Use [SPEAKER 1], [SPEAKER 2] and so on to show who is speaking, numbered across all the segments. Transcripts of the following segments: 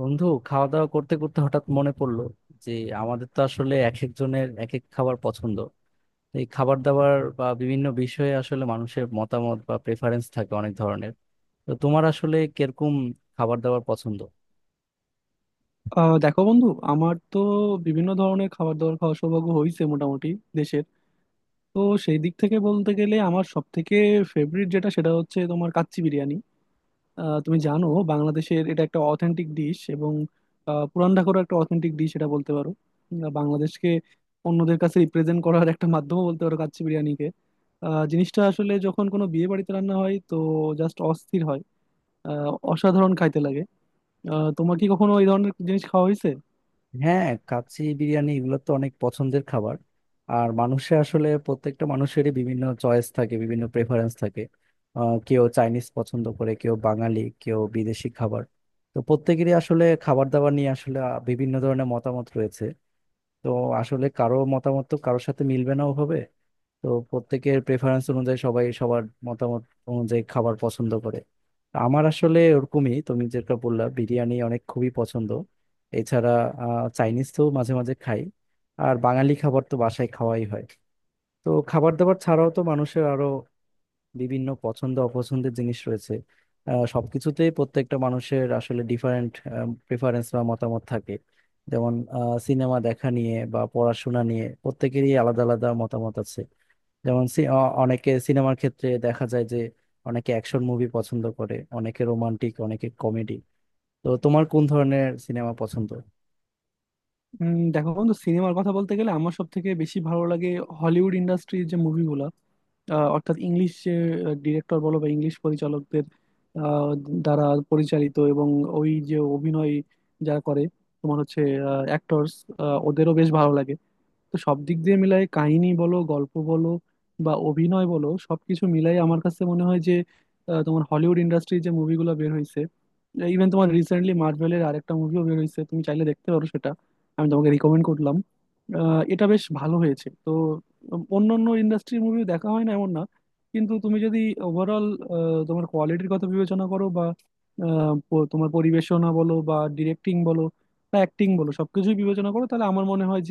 [SPEAKER 1] বন্ধু, খাওয়া দাওয়া করতে করতে হঠাৎ মনে পড়লো যে আমাদের তো আসলে এক একজনের এক এক খাবার পছন্দ। এই খাবার দাবার বা বিভিন্ন বিষয়ে আসলে মানুষের মতামত বা প্রেফারেন্স থাকে অনেক ধরনের। তো তোমার আসলে কিরকম খাবার দাবার পছন্দ?
[SPEAKER 2] দেখো বন্ধু, আমার তো বিভিন্ন ধরনের খাবার দাবার খাওয়ার সৌভাগ্য হয়েছে মোটামুটি দেশের। তো সেই দিক থেকে বলতে গেলে আমার সব থেকে ফেভারিট যেটা, সেটা হচ্ছে তোমার কাচ্চি বিরিয়ানি। তুমি জানো, বাংলাদেশের এটা একটা অথেন্টিক ডিশ, এবং পুরান ঢাকারও একটা অথেন্টিক ডিশ এটা বলতে পারো। বাংলাদেশকে অন্যদের কাছে রিপ্রেজেন্ট করার একটা মাধ্যমও বলতে পারো কাচ্চি বিরিয়ানিকে। জিনিসটা আসলে যখন কোনো বিয়ে বাড়িতে রান্না হয়, তো জাস্ট অস্থির হয়। অসাধারণ খাইতে লাগে। তোমার কি কখনো এই ধরনের জিনিস খাওয়া হয়েছে?
[SPEAKER 1] হ্যাঁ, কাচ্চি বিরিয়ানি এগুলো তো অনেক পছন্দের খাবার। আর মানুষের আসলে প্রত্যেকটা মানুষেরই বিভিন্ন চয়েস থাকে, বিভিন্ন প্রেফারেন্স থাকে। কেউ চাইনিজ পছন্দ করে, কেউ বাঙালি, কেউ বিদেশি খাবার। তো প্রত্যেকেরই আসলে খাবার দাবার নিয়ে আসলে বিভিন্ন ধরনের মতামত রয়েছে। তো আসলে কারো মতামত তো কারোর সাথে মিলবে না ওভাবে। তো প্রত্যেকের প্রেফারেন্স অনুযায়ী সবাই সবার মতামত অনুযায়ী খাবার পছন্দ করে। আমার আসলে ওরকমই, তুমি যেটা বললা বিরিয়ানি অনেক খুবই পছন্দ। এছাড়া চাইনিজ তো মাঝে মাঝে খাই, আর বাঙালি খাবার তো বাসায় খাওয়াই হয়। তো খাবার দাবার ছাড়াও তো মানুষের আরো বিভিন্ন পছন্দ অপছন্দের জিনিস রয়েছে। সবকিছুতেই প্রত্যেকটা মানুষের আসলে ডিফারেন্ট প্রেফারেন্স বা মতামত থাকে। যেমন সিনেমা দেখা নিয়ে বা পড়াশোনা নিয়ে প্রত্যেকেরই আলাদা আলাদা মতামত আছে। যেমন অনেকে সিনেমার ক্ষেত্রে দেখা যায় যে অনেকে অ্যাকশন মুভি পছন্দ করে, অনেকে রোমান্টিক, অনেকে কমেডি। তো তোমার কোন ধরনের সিনেমা পছন্দ?
[SPEAKER 2] দেখো বন্ধু, সিনেমার কথা বলতে গেলে আমার সব থেকে বেশি ভালো লাগে হলিউড ইন্ডাস্ট্রির যে মুভিগুলো, অর্থাৎ ইংলিশ ডিরেক্টর বলো বা ইংলিশ পরিচালকদের আহ, দ্বারা পরিচালিত। এবং ওই যে অভিনয় যারা করে, তোমার হচ্ছে অ্যাক্টরস, ওদেরও বেশ ভালো লাগে। তো সব দিক দিয়ে মিলাই কাহিনী বলো, গল্প বলো বা অভিনয় বলো, সবকিছু মিলাই আমার কাছে মনে হয় যে তোমার হলিউড ইন্ডাস্ট্রি যে মুভিগুলো বের হয়েছে, ইভেন তোমার রিসেন্টলি মার্ভেলের আরেকটা মুভিও বের হয়েছে, তুমি চাইলে দেখতে পারো সেটা, আমি তোমাকে রিকমেন্ড করলাম। এটা বেশ ভালো হয়েছে তো। অন্য অন্য ইন্ডাস্ট্রির মুভি দেখা হয় না এমন না, কিন্তু তুমি যদি ওভারঅল তোমার কোয়ালিটির কথা বিবেচনা করো বা তোমার পরিবেশনা বলো বা ডিরেক্টিং বলো বা অ্যাক্টিং বলো, সবকিছুই বিবেচনা করো, তাহলে আমার মনে হয়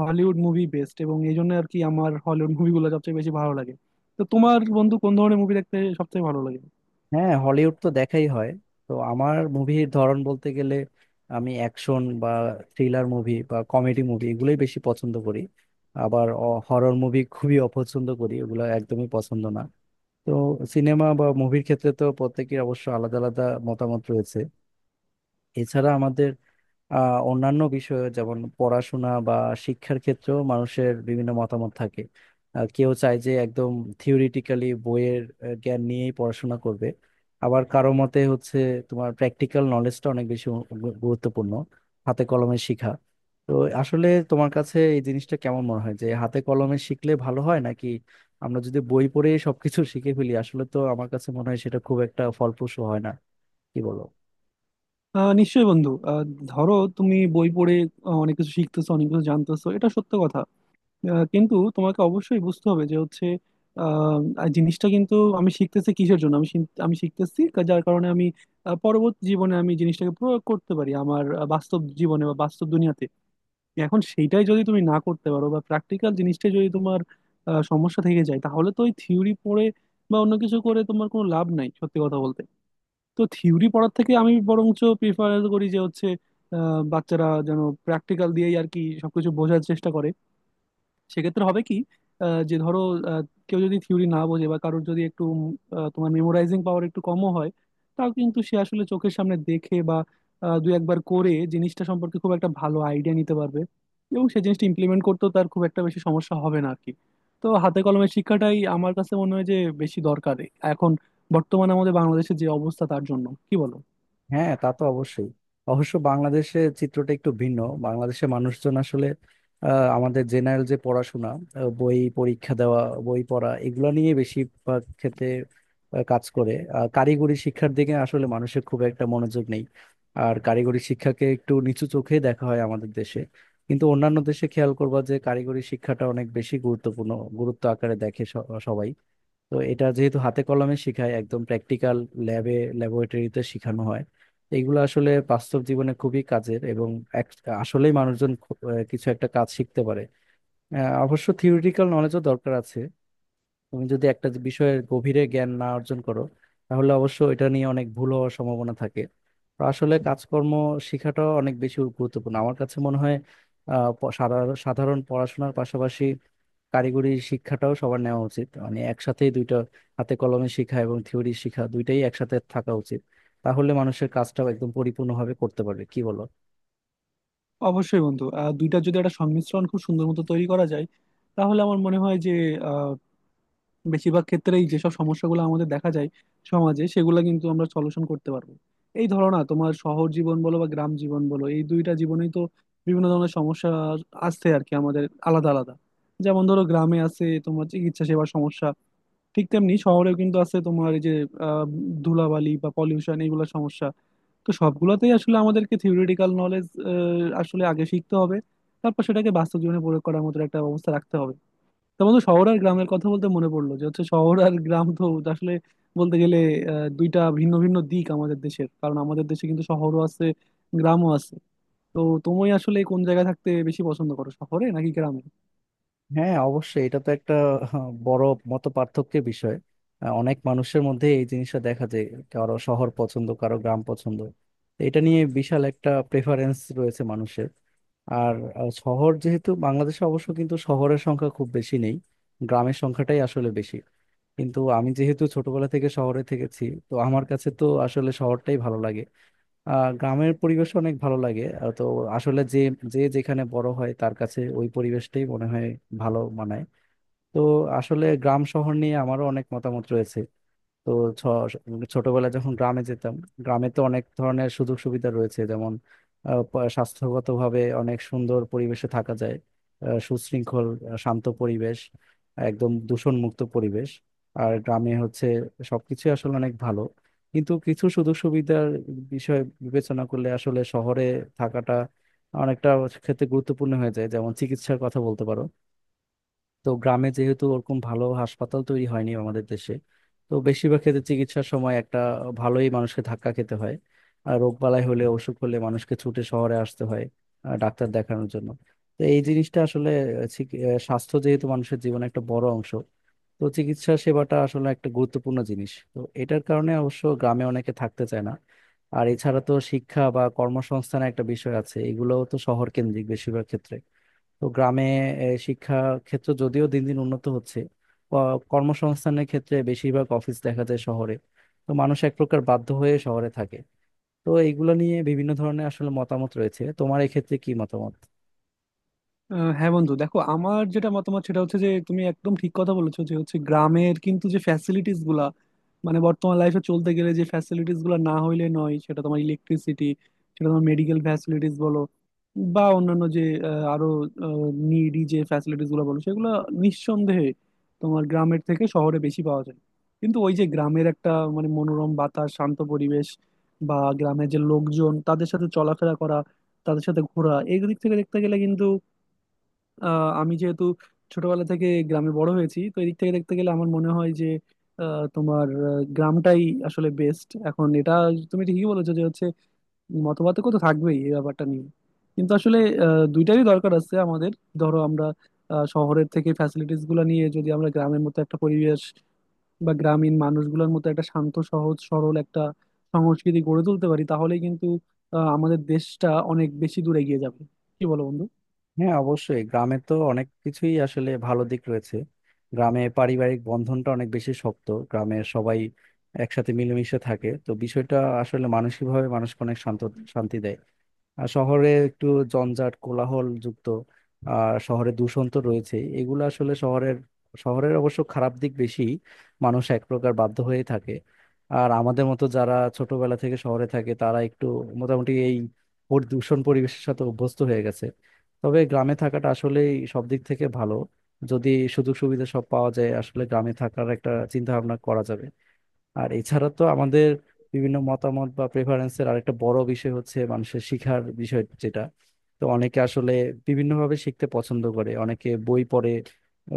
[SPEAKER 2] হলিউড মুভি বেস্ট। এবং এই জন্য আর কি আমার হলিউড মুভিগুলো সবচেয়ে বেশি ভালো লাগে। তো তোমার বন্ধু কোন ধরনের মুভি দেখতে সবচেয়ে ভালো লাগে?
[SPEAKER 1] হ্যাঁ, হলিউড তো দেখাই হয়। তো আমার মুভির ধরন বলতে গেলে আমি অ্যাকশন বা থ্রিলার মুভি বা কমেডি মুভি এগুলোই বেশি পছন্দ করি। আবার হরর মুভি খুবই অপছন্দ করি, এগুলো একদমই পছন্দ না। তো সিনেমা বা মুভির ক্ষেত্রে তো প্রত্যেকের অবশ্য আলাদা আলাদা মতামত রয়েছে। এছাড়া আমাদের অন্যান্য বিষয়ে যেমন পড়াশোনা বা শিক্ষার ক্ষেত্রেও মানুষের বিভিন্ন মতামত থাকে। কেউ চায় যে একদম থিওরিটিক্যালি বইয়ের জ্ঞান নিয়েই পড়াশোনা করবে। আবার কারো মতে হচ্ছে তোমার প্র্যাকটিক্যাল নলেজটা অনেক বেশি গুরুত্বপূর্ণ, হাতে কলমে শিখা। তো আসলে তোমার কাছে এই জিনিসটা কেমন মনে হয়, যে হাতে কলমে শিখলে ভালো হয় নাকি আমরা যদি বই পড়ে সবকিছু শিখে ফেলি? আসলে তো আমার কাছে মনে হয় সেটা খুব একটা ফলপ্রসূ হয় না। কি বলো?
[SPEAKER 2] নিশ্চয়ই বন্ধু, ধরো তুমি বই পড়ে অনেক কিছু শিখতেছো, অনেক কিছু জানতেছো, এটা সত্য কথা। কিন্তু তোমাকে অবশ্যই বুঝতে হবে যে হচ্ছে আর জিনিসটা কিন্তু আমি শিখতেছি কিসের জন্য? আমি আমি শিখতেছি যার কারণে আমি পরবর্তী জীবনে আমি জিনিসটাকে প্রয়োগ করতে পারি আমার বাস্তব জীবনে বা বাস্তব দুনিয়াতে। এখন সেইটাই যদি তুমি না করতে পারো বা প্র্যাকটিক্যাল জিনিসটা যদি তোমার সমস্যা থেকে যায়, তাহলে তো ওই থিওরি পড়ে বা অন্য কিছু করে তোমার কোনো লাভ নাই সত্যি কথা বলতে। তো থিওরি পড়ার থেকে আমি বরঞ্চ প্রিফার করি যে হচ্ছে বাচ্চারা যেন প্র্যাকটিক্যাল দিয়েই আর কি সবকিছু বোঝার চেষ্টা করে। সেক্ষেত্রে হবে কি যে ধরো আহ, কেউ যদি থিওরি না বোঝে বা কারোর যদি একটু তোমার মেমোরাইজিং পাওয়ার একটু কমও হয়, তাও কিন্তু সে আসলে চোখের সামনে দেখে বা দুই একবার করে জিনিসটা সম্পর্কে খুব একটা ভালো আইডিয়া নিতে পারবে, এবং সেই জিনিসটা ইমপ্লিমেন্ট করতেও তার খুব একটা বেশি সমস্যা হবে না আর কি। তো হাতে কলমের শিক্ষাটাই আমার কাছে মনে হয় যে বেশি দরকার এখন, বর্তমানে আমাদের বাংলাদেশের যে অবস্থা, তার জন্য। কি বলো?
[SPEAKER 1] হ্যাঁ, তা তো অবশ্যই। অবশ্য বাংলাদেশে চিত্রটা একটু ভিন্ন। বাংলাদেশে মানুষজন আসলে আমাদের জেনারেল যে পড়াশোনা, বই পরীক্ষা দেওয়া, বই পড়া এগুলো নিয়ে বেশিরভাগ ক্ষেত্রে কাজ করে। আর কারিগরি শিক্ষার দিকে আসলে মানুষের খুব একটা মনোযোগ নেই। আর কারিগরি শিক্ষাকে একটু নিচু চোখে দেখা হয় আমাদের দেশে। কিন্তু অন্যান্য দেশে খেয়াল করবা যে কারিগরি শিক্ষাটা অনেক বেশি গুরুত্বপূর্ণ, গুরুত্ব আকারে দেখে সবাই। তো এটা যেহেতু হাতে কলমে শেখায়, একদম প্র্যাকটিক্যাল ল্যাবে, ল্যাবরেটরিতে শেখানো হয়। তো এগুলো আসলে বাস্তব জীবনে খুবই কাজের এবং এক- আসলেই মানুষজন কিছু একটা কাজ শিখতে পারে। অবশ্য থিওরিটিক্যাল নলেজও দরকার আছে। তুমি যদি একটা বিষয়ের গভীরে জ্ঞান না অর্জন করো, তাহলে অবশ্য এটা নিয়ে অনেক ভুল হওয়ার সম্ভাবনা থাকে। তো আসলে কাজকর্ম শেখাটাও অনেক বেশি গুরুত্বপূর্ণ আমার কাছে মনে হয়। সাধারণ সাধারণ পড়াশোনার পাশাপাশি কারিগরি শিক্ষাটাও সবার নেওয়া উচিত, মানে একসাথেই দুইটা, হাতে কলমে শিখা এবং থিওরি শিখা দুইটাই একসাথে থাকা উচিত। তাহলে মানুষের কাজটাও একদম পরিপূর্ণভাবে করতে পারবে। কি বলো?
[SPEAKER 2] অবশ্যই বন্ধু, দুইটা যদি একটা সংমিশ্রণ খুব সুন্দর মতো তৈরি করা যায়, তাহলে আমার মনে হয় যে বেশিরভাগ ক্ষেত্রেই যেসব সমস্যাগুলো আমাদের দেখা যায় সমাজে, সেগুলো কিন্তু আমরা সলিউশন করতে পারবো। এই ধরো না, তোমার শহর জীবন বলো বা গ্রাম জীবন বলো, এই দুইটা জীবনেই তো বিভিন্ন ধরনের সমস্যা আসছে আর কি আমাদের, আলাদা আলাদা। যেমন ধরো, গ্রামে আছে তোমার চিকিৎসা সেবার সমস্যা, ঠিক তেমনি শহরেও কিন্তু আছে তোমার এই যে আহ, ধুলাবালি বা পলিউশন, এইগুলো সমস্যা। তো সবগুলোতেই আসলে আমাদেরকে থিওরিটিক্যাল নলেজ আসলে আগে শিখতে হবে, তারপর সেটাকে বাস্তব জীবনে প্রয়োগ করার মতো একটা অবস্থা রাখতে হবে। তো বন্ধু, শহর আর গ্রামের কথা বলতে মনে পড়লো যে হচ্ছে শহর আর গ্রাম তো আসলে বলতে গেলে দুইটা ভিন্ন ভিন্ন দিক আমাদের দেশের। কারণ আমাদের দেশে কিন্তু শহরও আছে, গ্রামও আছে। তো তুমি আসলে কোন জায়গায় থাকতে বেশি পছন্দ করো, শহরে নাকি গ্রামে?
[SPEAKER 1] হ্যাঁ, অবশ্যই। এটা তো একটা আহ, বড় মত পার্থক্যের বিষয়। অনেক মানুষের মধ্যে এই জিনিসটা দেখা যায়, কারো শহর পছন্দ, কারো গ্রাম পছন্দ। তো এটা নিয়ে বিশাল একটা প্রেফারেন্স রয়েছে মানুষের। আর শহর যেহেতু বাংলাদেশে, অবশ্য কিন্তু শহরের সংখ্যা খুব বেশি নেই, গ্রামের সংখ্যাটাই আসলে বেশি। কিন্তু আমি যেহেতু ছোটবেলা থেকে শহরে থেকেছি, তো আমার কাছে তো আসলে শহরটাই ভালো লাগে। গ্রামের পরিবেশ অনেক ভালো লাগে। তো আসলে যে যে যেখানে বড় হয় তার কাছে ওই পরিবেশটাই মনে হয় ভালো মানায়। তো আসলে গ্রাম শহর নিয়ে আমারও অনেক মতামত রয়েছে। তো ছ- ছোটবেলায় যখন গ্রামে যেতাম, গ্রামে তো অনেক ধরনের সুযোগ সুবিধা রয়েছে, যেমন স্বাস্থ্যগতভাবে অনেক সুন্দর পরিবেশে থাকা যায়। সুশৃঙ্খল, শান্ত পরিবেশ, একদম দূষণমুক্ত পরিবেশ। আর গ্রামে হচ্ছে সবকিছু আসলে অনেক ভালো। কিন্তু কিছু সুযোগ সুবিধার বিষয় বিবেচনা করলে আসলে শহরে থাকাটা অনেকটা ক্ষেত্রে গুরুত্বপূর্ণ হয়ে যায়, যেমন চিকিৎসার কথা বলতে পারো। তো গ্রামে যেহেতু ওরকম ভালো হাসপাতাল তৈরি হয়নি আমাদের দেশে, তো বেশিরভাগ ক্ষেত্রে চিকিৎসার সময় একটা ভালোই মানুষকে ধাক্কা খেতে হয়। আর রোগ বালাই হলে, অসুখ হলে মানুষকে ছুটে শহরে আসতে হয় ডাক্তার দেখানোর জন্য। তো এই জিনিসটা আসলে, স্বাস্থ্য যেহেতু মানুষের জীবনে একটা বড় অংশ, তো চিকিৎসা সেবাটা আসলে একটা গুরুত্বপূর্ণ জিনিস, তো এটার কারণে অবশ্য গ্রামে অনেকে থাকতে চায় না। আর এছাড়া তো শিক্ষা বা কর্মসংস্থানের একটা বিষয় আছে, এগুলোও তো শহর কেন্দ্রিক বেশিরভাগ ক্ষেত্রে। তো গ্রামে শিক্ষা ক্ষেত্র যদিও দিন দিন উন্নত হচ্ছে, কর্মসংস্থানের ক্ষেত্রে বেশিরভাগ অফিস দেখা যায় শহরে। তো মানুষ এক প্রকার বাধ্য হয়ে শহরে থাকে। তো এইগুলো নিয়ে বিভিন্ন ধরনের আসলে মতামত রয়েছে, তোমার এক্ষেত্রে কি মতামত?
[SPEAKER 2] হ্যাঁ বন্ধু, দেখো আমার যেটা মতামত সেটা হচ্ছে যে তুমি একদম ঠিক কথা বলেছো, যে হচ্ছে গ্রামের কিন্তু যে ফ্যাসিলিটিস গুলা, মানে বর্তমান লাইফে চলতে গেলে যে ফ্যাসিলিটিস গুলা না হইলে নয়, সেটা তোমার ইলেকট্রিসিটি, সেটা তোমার মেডিকেল ফ্যাসিলিটিস বলো বা অন্যান্য যে আরো নিডি যে ফ্যাসিলিটিস গুলো বলো, সেগুলো নিঃসন্দেহে তোমার গ্রামের থেকে শহরে বেশি পাওয়া যায়। কিন্তু ওই যে গ্রামের একটা মানে মনোরম বাতাস, শান্ত পরিবেশ, বা গ্রামের যে লোকজন তাদের সাথে চলাফেরা করা, তাদের সাথে ঘোরা, এই দিক থেকে দেখতে গেলে, আমি যেহেতু ছোটবেলা থেকে গ্রামে বড় হয়েছি, তো এদিক থেকে দেখতে গেলে আমার মনে হয় যে তোমার গ্রামটাই আসলে বেস্ট। এখন এটা তুমি ঠিকই বলেছো যে হচ্ছে মতপার্থক্য তো থাকবেই এই ব্যাপারটা নিয়ে, কিন্তু আসলে দুইটারই দরকার আছে আমাদের। ধরো আমরা শহরের থেকে ফ্যাসিলিটিস গুলো নিয়ে যদি আমরা গ্রামের মতো একটা পরিবেশ বা গ্রামীণ মানুষগুলোর মতো একটা শান্ত সহজ সরল একটা সংস্কৃতি গড়ে তুলতে পারি, তাহলেই কিন্তু আমাদের দেশটা অনেক বেশি দূরে এগিয়ে যাবে। কি বলো বন্ধু?
[SPEAKER 1] হ্যাঁ, অবশ্যই গ্রামে তো অনেক কিছুই আসলে ভালো দিক রয়েছে। গ্রামে পারিবারিক বন্ধনটা অনেক বেশি শক্ত, গ্রামের সবাই একসাথে মিলেমিশে থাকে। তো বিষয়টা আসলে মানসিকভাবে মানুষকে অনেক শান্ত, শান্তি দেয়। আর শহরে একটু জঞ্জাট কোলাহল যুক্ত। আর শহরে দূষণ তো রয়েছে, এগুলো আসলে শহরের শহরের অবশ্য খারাপ দিক বেশি। মানুষ এক প্রকার বাধ্য হয়ে থাকে। আর আমাদের মতো যারা ছোটবেলা থেকে শহরে থাকে, তারা একটু মোটামুটি এই দূষণ পরিবেশের সাথে অভ্যস্ত হয়ে গেছে। তবে গ্রামে থাকাটা আসলে সব দিক থেকে ভালো। যদি সুযোগ সুবিধা সব পাওয়া যায়, আসলে গ্রামে থাকার একটা চিন্তা ভাবনা করা যাবে। আর এছাড়া তো আমাদের বিভিন্ন মতামত বা প্রেফারেন্সের আরেকটা বড় বিষয় হচ্ছে মানুষের শিখার বিষয় যেটা। তো অনেকে আসলে বিভিন্নভাবে শিখতে পছন্দ করে, অনেকে বই পড়ে,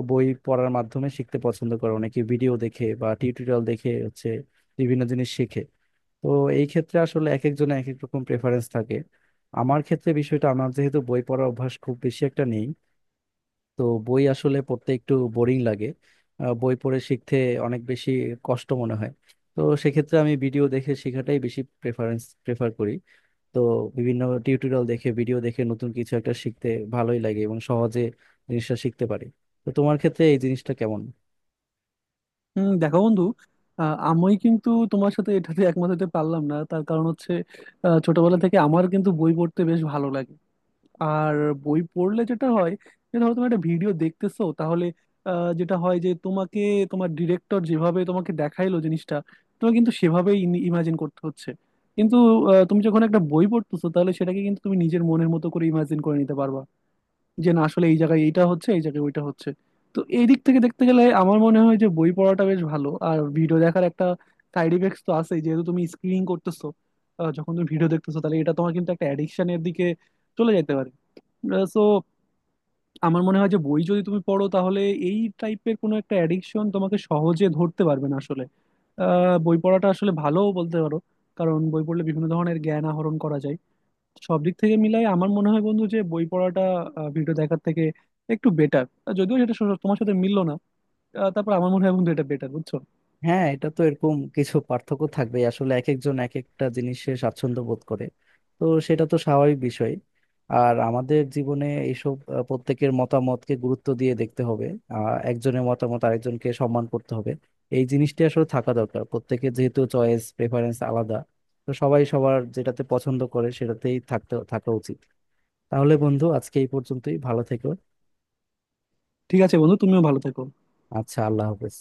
[SPEAKER 1] বই পড়ার মাধ্যমে শিখতে পছন্দ করে, অনেকে ভিডিও দেখে বা টিউটোরিয়াল দেখে হচ্ছে বিভিন্ন জিনিস শেখে। তো এই ক্ষেত্রে আসলে এক একজনের এক এক রকম প্রেফারেন্স থাকে। আমার ক্ষেত্রে বিষয়টা, আমার যেহেতু বই পড়ার অভ্যাস খুব বেশি একটা নেই, তো বই আসলে পড়তে একটু বোরিং লাগে। বই পড়ে শিখতে অনেক বেশি কষ্ট মনে হয়। তো সেক্ষেত্রে আমি ভিডিও দেখে শেখাটাই বেশি প্রেফার করি। তো বিভিন্ন টিউটোরিয়াল দেখে, ভিডিও দেখে নতুন কিছু একটা শিখতে ভালোই লাগে এবং সহজে জিনিসটা শিখতে পারি। তো তোমার ক্ষেত্রে এই জিনিসটা কেমন?
[SPEAKER 2] হম, দেখো বন্ধু, আমি কিন্তু তোমার সাথে এটাতে একমত হতে পারলাম না। তার কারণ হচ্ছে ছোটবেলা থেকে আমার কিন্তু বই পড়তে বেশ ভালো লাগে। আর বই পড়লে যেটা হয়, যে ধরো তুমি একটা ভিডিও দেখতেছো, তাহলে যেটা হয় যে তোমাকে, তোমার ডিরেক্টর যেভাবে তোমাকে দেখাইলো জিনিসটা, তোমাকে কিন্তু সেভাবেই ইমাজিন করতে হচ্ছে। কিন্তু তুমি যখন একটা বই পড়তেছো, তাহলে সেটাকে কিন্তু তুমি নিজের মনের মতো করে ইমাজিন করে নিতে পারবা, যে না আসলে এই জায়গায় এইটা হচ্ছে, এই জায়গায় ওইটা হচ্ছে। তো এই দিক থেকে দেখতে গেলে আমার মনে হয় যে বই পড়াটা বেশ ভালো। আর ভিডিও দেখার একটা সাইড ইফেক্টস তো আছে, যেহেতু তুমি স্ক্রিনিং করতেছো। যখন তুমি ভিডিও দেখতেছো, তাহলে এটা তোমার কিন্তু একটা অ্যাডিকশনের দিকে চলে যেতে পারে। সো আমার মনে হয় যে বই যদি তুমি পড়ো, তাহলে এই টাইপের কোনো একটা অ্যাডিকশন তোমাকে সহজে ধরতে পারবে না আসলে। বই পড়াটা আসলে ভালোও বলতে পারো, কারণ বই পড়লে বিভিন্ন ধরনের জ্ঞান আহরণ করা যায়। সব দিক থেকে মিলাই আমার মনে হয় বন্ধু যে বই পড়াটা ভিডিও দেখার থেকে একটু বেটার। যদিও সেটা তোমার সাথে মিললো না, তারপর আমার মনে হয় বন্ধু এটা বেটার। বুঝছো?
[SPEAKER 1] হ্যাঁ, এটা তো এরকম কিছু পার্থক্য থাকবে। আসলে এক একজন এক একটা জিনিসে স্বাচ্ছন্দ্য বোধ করে, তো সেটা তো স্বাভাবিক বিষয়। আর আমাদের জীবনে এইসব প্রত্যেকের মতামতকে গুরুত্ব দিয়ে দেখতে হবে। একজনের মতামত আরেকজনকে সম্মান করতে হবে। এই জিনিসটি আসলে থাকা দরকার প্রত্যেকের, যেহেতু চয়েস প্রেফারেন্স আলাদা। তো সবাই সবার যেটাতে পছন্দ করে সেটাতেই থাকা উচিত। তাহলে বন্ধু আজকে এই পর্যন্তই, ভালো থেকো।
[SPEAKER 2] ঠিক আছে বন্ধু, তুমিও ভালো থেকো।
[SPEAKER 1] আচ্ছা, আল্লাহ হাফেজ।